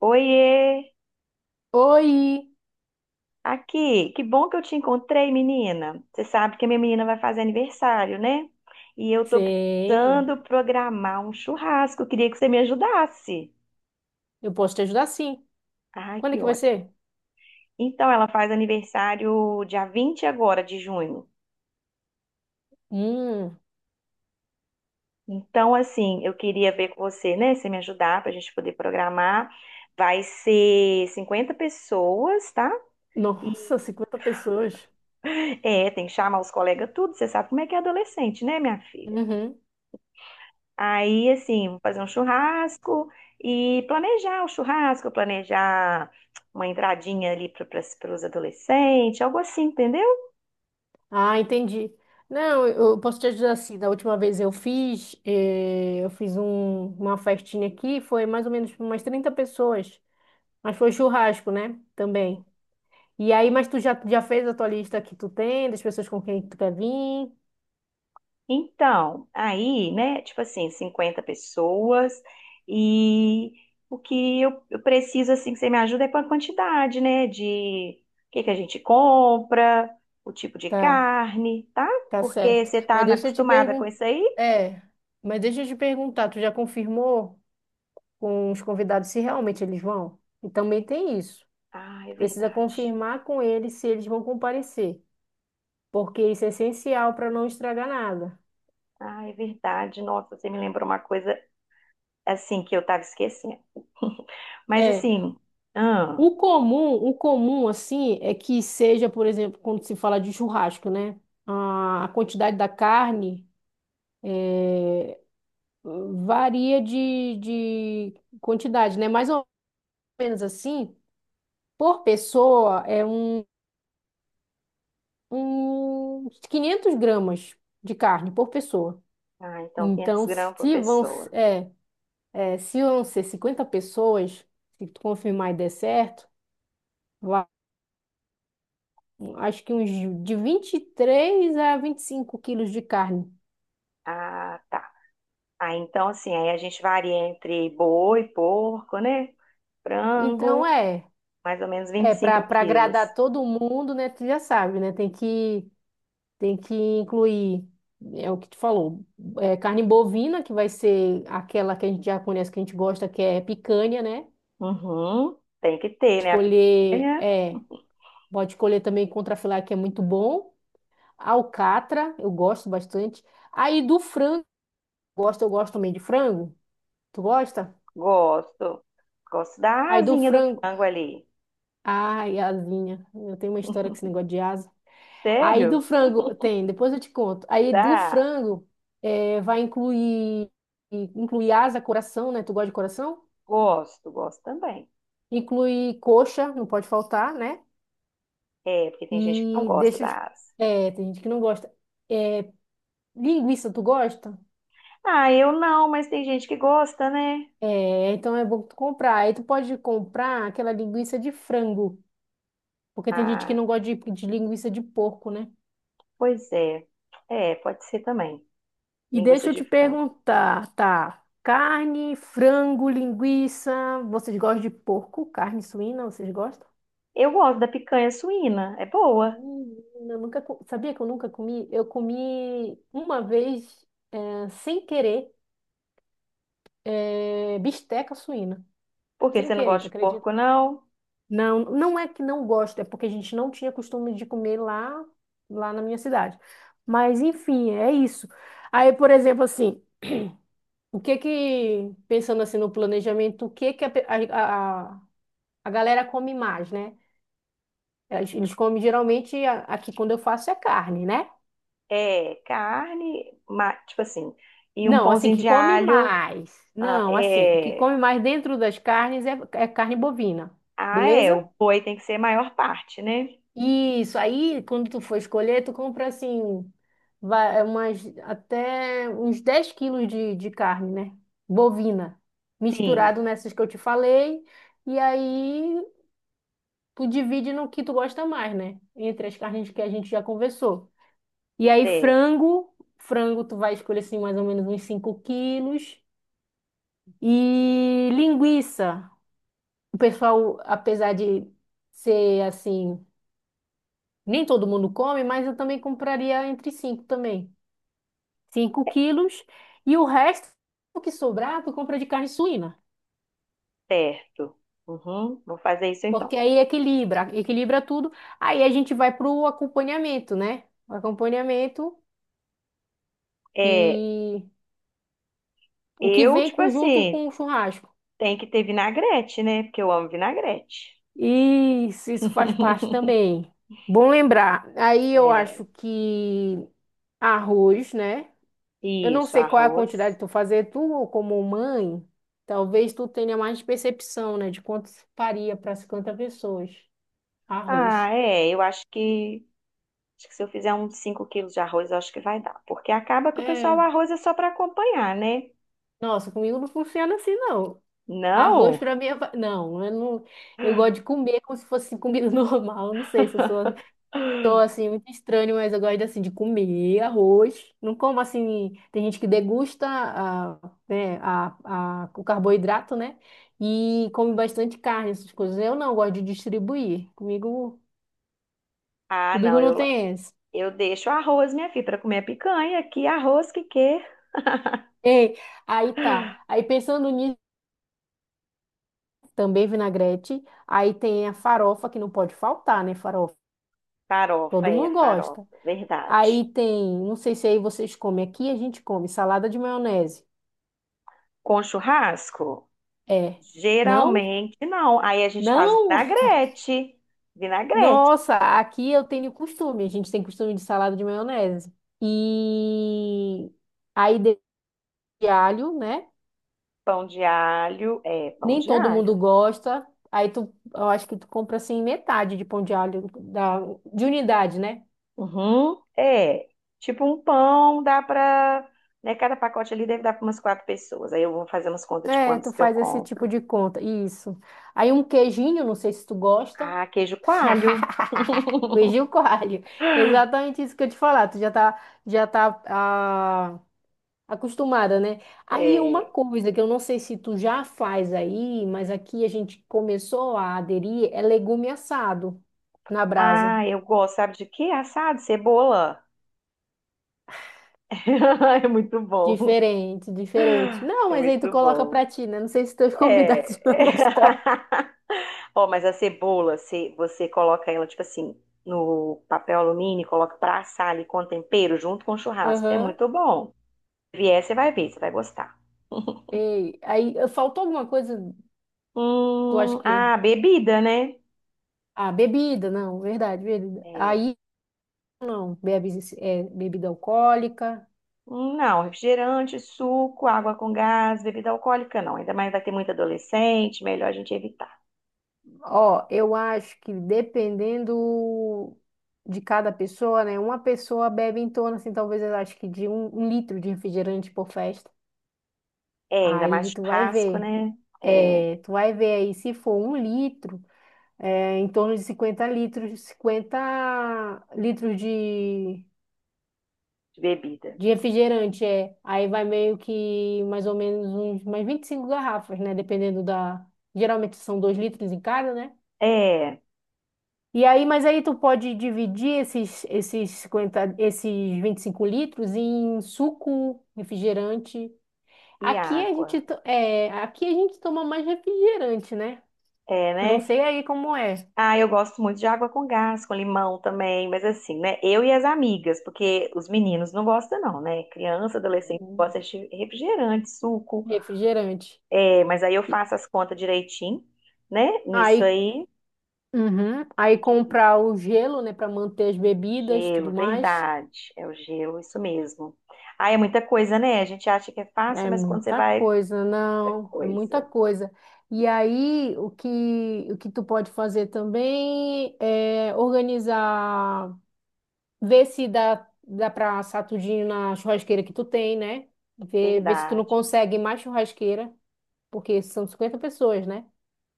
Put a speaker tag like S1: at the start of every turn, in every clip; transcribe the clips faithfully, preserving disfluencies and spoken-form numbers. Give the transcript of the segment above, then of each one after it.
S1: Oiê!
S2: Oi!
S1: Aqui, que bom que eu te encontrei, menina. Você sabe que a minha menina vai fazer aniversário, né? E eu tô
S2: Sei.
S1: precisando programar um churrasco. Eu queria que você me ajudasse.
S2: Eu posso te ajudar sim.
S1: Ai,
S2: Quando é
S1: que
S2: que vai
S1: ótimo.
S2: ser?
S1: Então, ela faz aniversário dia vinte agora de junho.
S2: Hum,
S1: Então, assim, eu queria ver com você, né? Você me ajudar pra gente poder programar. Vai ser cinquenta pessoas, tá? E
S2: nossa, cinquenta pessoas.
S1: é, tem que chamar os colegas tudo. Você sabe como é que é adolescente, né, minha filha?
S2: Uhum.
S1: Aí, assim, vou fazer um churrasco e planejar o churrasco, planejar uma entradinha ali para os adolescentes, algo assim, entendeu?
S2: Ah, entendi. Não, eu eu posso te ajudar assim. Da última vez eu fiz, eh, eu fiz um- uma festinha aqui, foi mais ou menos umas trinta pessoas. Mas foi churrasco, né? Também. E aí, mas tu já, já fez a tua lista que tu tem, das pessoas com quem tu quer vir?
S1: Então, aí, né, tipo assim, cinquenta pessoas e o que eu, eu preciso, assim, que você me ajuda é com a quantidade, né, de o que que a gente compra, o tipo de
S2: Tá,
S1: carne, tá?
S2: tá
S1: Porque
S2: certo.
S1: você tá
S2: Mas
S1: na-
S2: deixa eu te
S1: acostumada com
S2: perguntar.
S1: isso aí?
S2: É, mas deixa eu te perguntar, tu já confirmou com os convidados se realmente eles vão? E também tem isso.
S1: Ah, é
S2: Precisa
S1: verdade.
S2: confirmar com eles se eles vão comparecer, porque isso é essencial para não estragar nada.
S1: Ah, é verdade. Nossa, você me lembrou uma coisa assim, que eu tava esquecendo. Mas
S2: É,
S1: assim, ah,
S2: o comum, o comum assim é que seja, por exemplo, quando se fala de churrasco, né? A a quantidade da carne uh, varia de, de quantidade, né? Mais ou menos assim, por pessoa é um, um quinhentos gramas de carne por pessoa.
S1: ah, então quinhentas
S2: Então,
S1: gramas por
S2: se vão,
S1: pessoa.
S2: é, é, se vão ser cinquenta pessoas, se tu confirmar e der certo, va- acho que uns de vinte e três a vinte e cinco quilos de carne.
S1: Ah, tá. Ah, então assim, aí a gente varia entre boi, porco, né?
S2: Então,
S1: Frango,
S2: é,
S1: mais ou menos
S2: é para
S1: vinte e cinco
S2: para
S1: quilos.
S2: agradar todo mundo, né? Tu já sabe, né? Tem que, tem que incluir, é o que tu falou, é, carne bovina, que vai ser aquela que a gente já conhece, que a gente gosta, que é picanha, né?
S1: Uhum, tem que ter, né? A
S2: Escolher,
S1: picanha,
S2: é, pode escolher também contrafilé, que é muito bom. Alcatra, eu gosto bastante. Aí do frango, gosto, eu gosto também de frango. Tu gosta?
S1: gosto. Gosto da
S2: Aí do
S1: asinha do
S2: frango,
S1: frango ali.
S2: ai, asinha. Eu tenho uma história com esse negócio de asa. Aí do
S1: Sério?
S2: frango, tem, depois eu te conto. Aí do
S1: Tá.
S2: frango, é, vai incluir, incluir asa, coração, né? Tu gosta de coração?
S1: Gosto, gosto também.
S2: Inclui coxa, não pode faltar, né?
S1: É, porque tem gente que não
S2: E
S1: gosta
S2: deixa eu
S1: da
S2: te...
S1: asa.
S2: É, tem gente que não gosta. É, linguiça, tu gosta?
S1: Ah, eu não, mas tem gente que gosta, né?
S2: É, então é bom tu comprar. Aí tu pode comprar aquela linguiça de frango, porque tem gente que
S1: Ah,
S2: não gosta de, de linguiça de porco, né?
S1: pois é. É, pode ser também.
S2: E
S1: Linguiça
S2: deixa eu
S1: de
S2: te
S1: frango.
S2: perguntar, tá? Carne, frango, linguiça, vocês gostam de porco? Carne suína, vocês gostam?
S1: Eu gosto da picanha suína, é boa.
S2: Hum, eu nunca, co- sabia que eu nunca comi? Eu comi uma vez, é, sem querer, é, bisteca suína.
S1: Porque
S2: Sem
S1: você não
S2: querer, tu
S1: gosta de
S2: acredita?
S1: porco, não?
S2: Não, não é que não gosto, é porque a gente não tinha costume de comer lá, lá na minha cidade. Mas enfim, é isso. Aí, por exemplo, assim, o que que, pensando assim no planejamento, o que que a, pe- a, a, a galera come mais, né? Eles eles comem geralmente, a- aqui quando eu faço é carne, né?
S1: É carne, ma- tipo assim, e um
S2: Não, assim,
S1: pãozinho
S2: que
S1: de
S2: come
S1: alho.
S2: mais.
S1: Ah,
S2: Não, assim, que
S1: é,
S2: come mais dentro das carnes é, é carne bovina,
S1: ah, é,
S2: beleza?
S1: o boi tem que ser a maior parte, né?
S2: Isso, aí quando tu for escolher, tu compra assim, vai umas, até uns dez quilos de, de carne, né? Bovina,
S1: Sim,
S2: misturado nessas que eu te falei, e aí tu divide no que tu gosta mais, né? Entre as carnes que a gente já conversou. E aí
S1: certo.
S2: frango, frango tu vai escolher assim mais ou menos uns cinco quilos, e linguiça. O pessoal, apesar de ser assim, nem todo mundo come, mas eu também compraria entre cinco também. cinco
S1: É
S2: quilos. E o resto, o que sobrar, tu compra de carne suína.
S1: certo. Uhum, vou fazer isso então.
S2: Porque aí equilibra, equilibra tudo. Aí a gente vai pro acompanhamento, né? O acompanhamento
S1: É,
S2: que o que
S1: eu,
S2: vem
S1: tipo
S2: conjunto
S1: assim,
S2: com o churrasco.
S1: tem que ter vinagrete, né? Porque eu amo vinagrete.
S2: Isso, isso faz parte também. Bom lembrar. Aí eu
S1: É,
S2: acho que arroz, né? Eu não
S1: isso,
S2: sei qual é a quantidade
S1: arroz.
S2: que tu fazer, tu como mãe, talvez tu tenha mais percepção, né, de quanto se faria para cinquenta pessoas.
S1: Ah,
S2: Arroz.
S1: é, eu acho que, acho que se eu fizer uns cinco quilos de arroz, eu acho que vai dar. Porque acaba que o pessoal, o
S2: É,
S1: arroz é só para acompanhar, né?
S2: nossa, comigo não funciona assim, não. Arroz
S1: Não?
S2: para mim é... va- Não, eu não... Eu gosto de comer como se fosse comida normal. Eu não sei se eu sou... Tô assim, muito estranho, mas eu gosto assim de comer arroz. Não como assim, tem gente que degusta a, né, a, a, o carboidrato, né? E come bastante carne, essas coisas. Eu não gosto de distribuir. Comigo,
S1: Ah, não,
S2: comigo não
S1: eu,
S2: tem essa.
S1: eu deixo arroz, minha filha, para comer a picanha. Que arroz que quer?
S2: Ei, aí tá. Aí pensando nisso, também vinagrete. Aí tem a farofa que não pode faltar, né? Farofa.
S1: Farofa,
S2: Todo
S1: é,
S2: mundo gosta.
S1: farofa, verdade.
S2: Aí tem, não sei se aí vocês comem, aqui a gente come salada de maionese.
S1: Com churrasco?
S2: É. Não?
S1: Geralmente não. Aí a gente faz
S2: Não?
S1: vinagrete, vinagrete,
S2: Nossa, aqui eu tenho costume, a gente tem costume de salada de maionese. E aí de de alho, né?
S1: pão de alho, é, pão
S2: Nem
S1: de
S2: todo mundo
S1: alho.
S2: gosta. Aí tu, eu acho que tu compra assim metade de pão de alho, da, de unidade, né?
S1: Uhum. É, tipo um pão dá pra. Né, cada pacote ali deve dar para umas quatro pessoas. Aí eu vou fazer umas contas de
S2: É,
S1: quantos
S2: tu
S1: que eu
S2: faz esse tipo
S1: compro.
S2: de conta. Isso. Aí um queijinho, não sei se tu gosta.
S1: Ah, queijo coalho.
S2: Queijinho coalho. Exatamente isso que eu te falar. Tu já tá, já tá acostumada, né? Aí uma
S1: É.
S2: coisa que eu não sei se tu já faz aí, mas aqui a gente começou a aderir, é legume assado na brasa.
S1: Ah, eu gosto, sabe de quê? Assado, cebola. É muito bom.
S2: Diferente, diferente. Não,
S1: É
S2: mas aí tu
S1: muito
S2: coloca
S1: bom.
S2: pra ti, né? Não sei se teus convidados
S1: É.
S2: vão gostar.
S1: Ó, mas a cebola, se você coloca ela, tipo assim, no papel alumínio, coloca pra assar ali com tempero junto com o churrasco. É
S2: Aham.
S1: muito bom. Se vier, você vai ver, você vai gostar.
S2: Ei, aí eh, faltou alguma coisa, tu
S1: Hum,
S2: acha que...
S1: ah, bebida, né?
S2: Ah, bebida, não, verdade, bebida.
S1: É.
S2: Aí não, bebe, é, bebida alcoólica.
S1: Hum, não, refrigerante, suco, água com gás, bebida alcoólica, não. Ainda mais vai ter muito adolescente, melhor a gente evitar.
S2: Ó, eu acho que dependendo de cada pessoa, né? Uma pessoa bebe em torno, assim, talvez eu acho que de um, um litro de refrigerante por festa.
S1: É, ainda mais
S2: Aí tu vai
S1: churrasco,
S2: ver.
S1: né? É,
S2: É, tu vai ver aí, se for um litro, é, em torno de cinquenta litros, cinquenta litros de,
S1: de bebida.
S2: de refrigerante, é. Aí vai meio que mais ou menos uns mais vinte e cinco garrafas, né? Dependendo da. Geralmente são dois litros em cada, né?
S1: É,
S2: E aí, mas aí tu pode dividir esses, esses cinquenta, esses vinte e cinco litros em suco, refrigerante.
S1: e
S2: Aqui a gente,
S1: água.
S2: to- é, aqui a gente toma mais refrigerante, né?
S1: É,
S2: Eu não
S1: né?
S2: sei aí como é.
S1: Ah, eu gosto muito de água com gás, com limão também, mas assim, né? Eu e as amigas, porque os meninos não gostam, não, né? Criança, adolescente gosta de refrigerante, suco.
S2: Refrigerante.
S1: É, mas aí eu
S2: E
S1: faço as contas direitinho, né? Nisso
S2: aí,
S1: aí.
S2: uhum, aí
S1: E de
S2: comprar
S1: vidro.
S2: o gelo, né, para manter as bebidas, tudo
S1: Gelo,
S2: mais.
S1: verdade. É o gelo, isso mesmo. Ah, é muita coisa, né? A gente acha que é fácil,
S2: É
S1: mas quando você
S2: muita
S1: vai,
S2: coisa,
S1: é
S2: não, é muita
S1: coisa.
S2: coisa. E aí, o que, o que tu pode fazer também é organizar, ver se dá, dá para assar tudinho na churrasqueira que tu tem, né? Ver, ver se tu não
S1: Verdade.
S2: consegue mais churrasqueira, porque são cinquenta pessoas, né?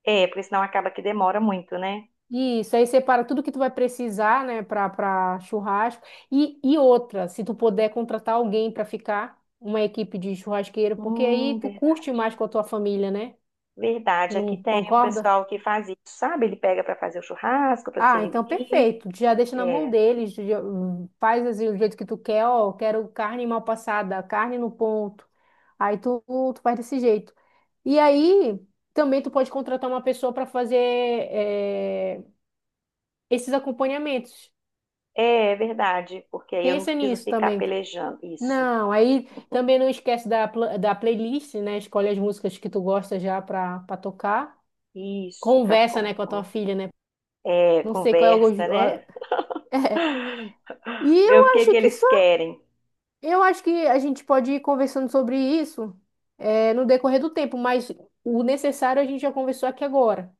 S1: É, porque senão acaba que demora muito, né?
S2: E isso, aí separa tudo que tu vai precisar, né, para para churrasco. E, e outra, se tu puder contratar alguém para ficar, uma equipe de churrasqueiro, porque aí
S1: Hum,
S2: tu curte
S1: verdade.
S2: mais com a tua família, né?
S1: Verdade, aqui
S2: Não
S1: tem um
S2: concorda?
S1: pessoal que faz isso, sabe? Ele pega para fazer o churrasco, para
S2: Ah, então
S1: servir.
S2: perfeito. Já deixa na mão
S1: É,
S2: deles, já- faz assim do jeito que tu quer, ó, quero carne mal passada, carne no ponto. Aí tu, tu faz desse jeito. E aí também tu pode contratar uma pessoa para fazer eh, esses acompanhamentos.
S1: é verdade, porque aí eu não
S2: Pensa
S1: preciso
S2: nisso
S1: ficar
S2: também.
S1: pelejando. Isso,
S2: Não, aí também não esquece da, pla- da playlist, né? Escolhe as músicas que tu gosta já para tocar.
S1: isso, para
S2: Conversa, né, com a tua filha, né?
S1: é,
S2: Não sei qual é o
S1: conversa, né?
S2: gosto. E
S1: Ver
S2: eu
S1: o que
S2: acho
S1: que
S2: que
S1: eles
S2: só...
S1: querem.
S2: Eu acho que a gente pode ir conversando sobre isso, eh, no decorrer do tempo, mas o necessário a gente já conversou aqui agora,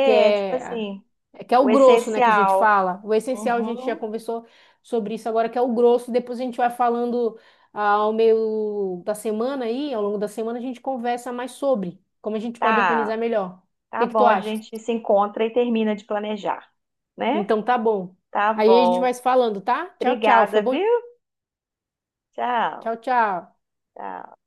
S2: que
S1: tipo
S2: é,
S1: assim,
S2: é que é o
S1: o
S2: grosso, né, que a gente
S1: essencial.
S2: fala. O essencial a gente já
S1: Uhum.
S2: conversou sobre isso agora, que é o grosso. Depois a gente vai falando ah, ao meio da semana aí, ao longo da semana a gente conversa mais sobre como a gente pode organizar
S1: Tá,
S2: melhor. O
S1: tá
S2: que que tu
S1: bom, a
S2: acha?
S1: gente se encontra e termina de planejar, né?
S2: Então tá bom.
S1: Tá
S2: Aí a gente vai
S1: bom.
S2: se falando, tá? Tchau, tchau.
S1: Obrigada,
S2: Foi bom.
S1: viu? Tchau,
S2: Tchau, tchau.
S1: tchau.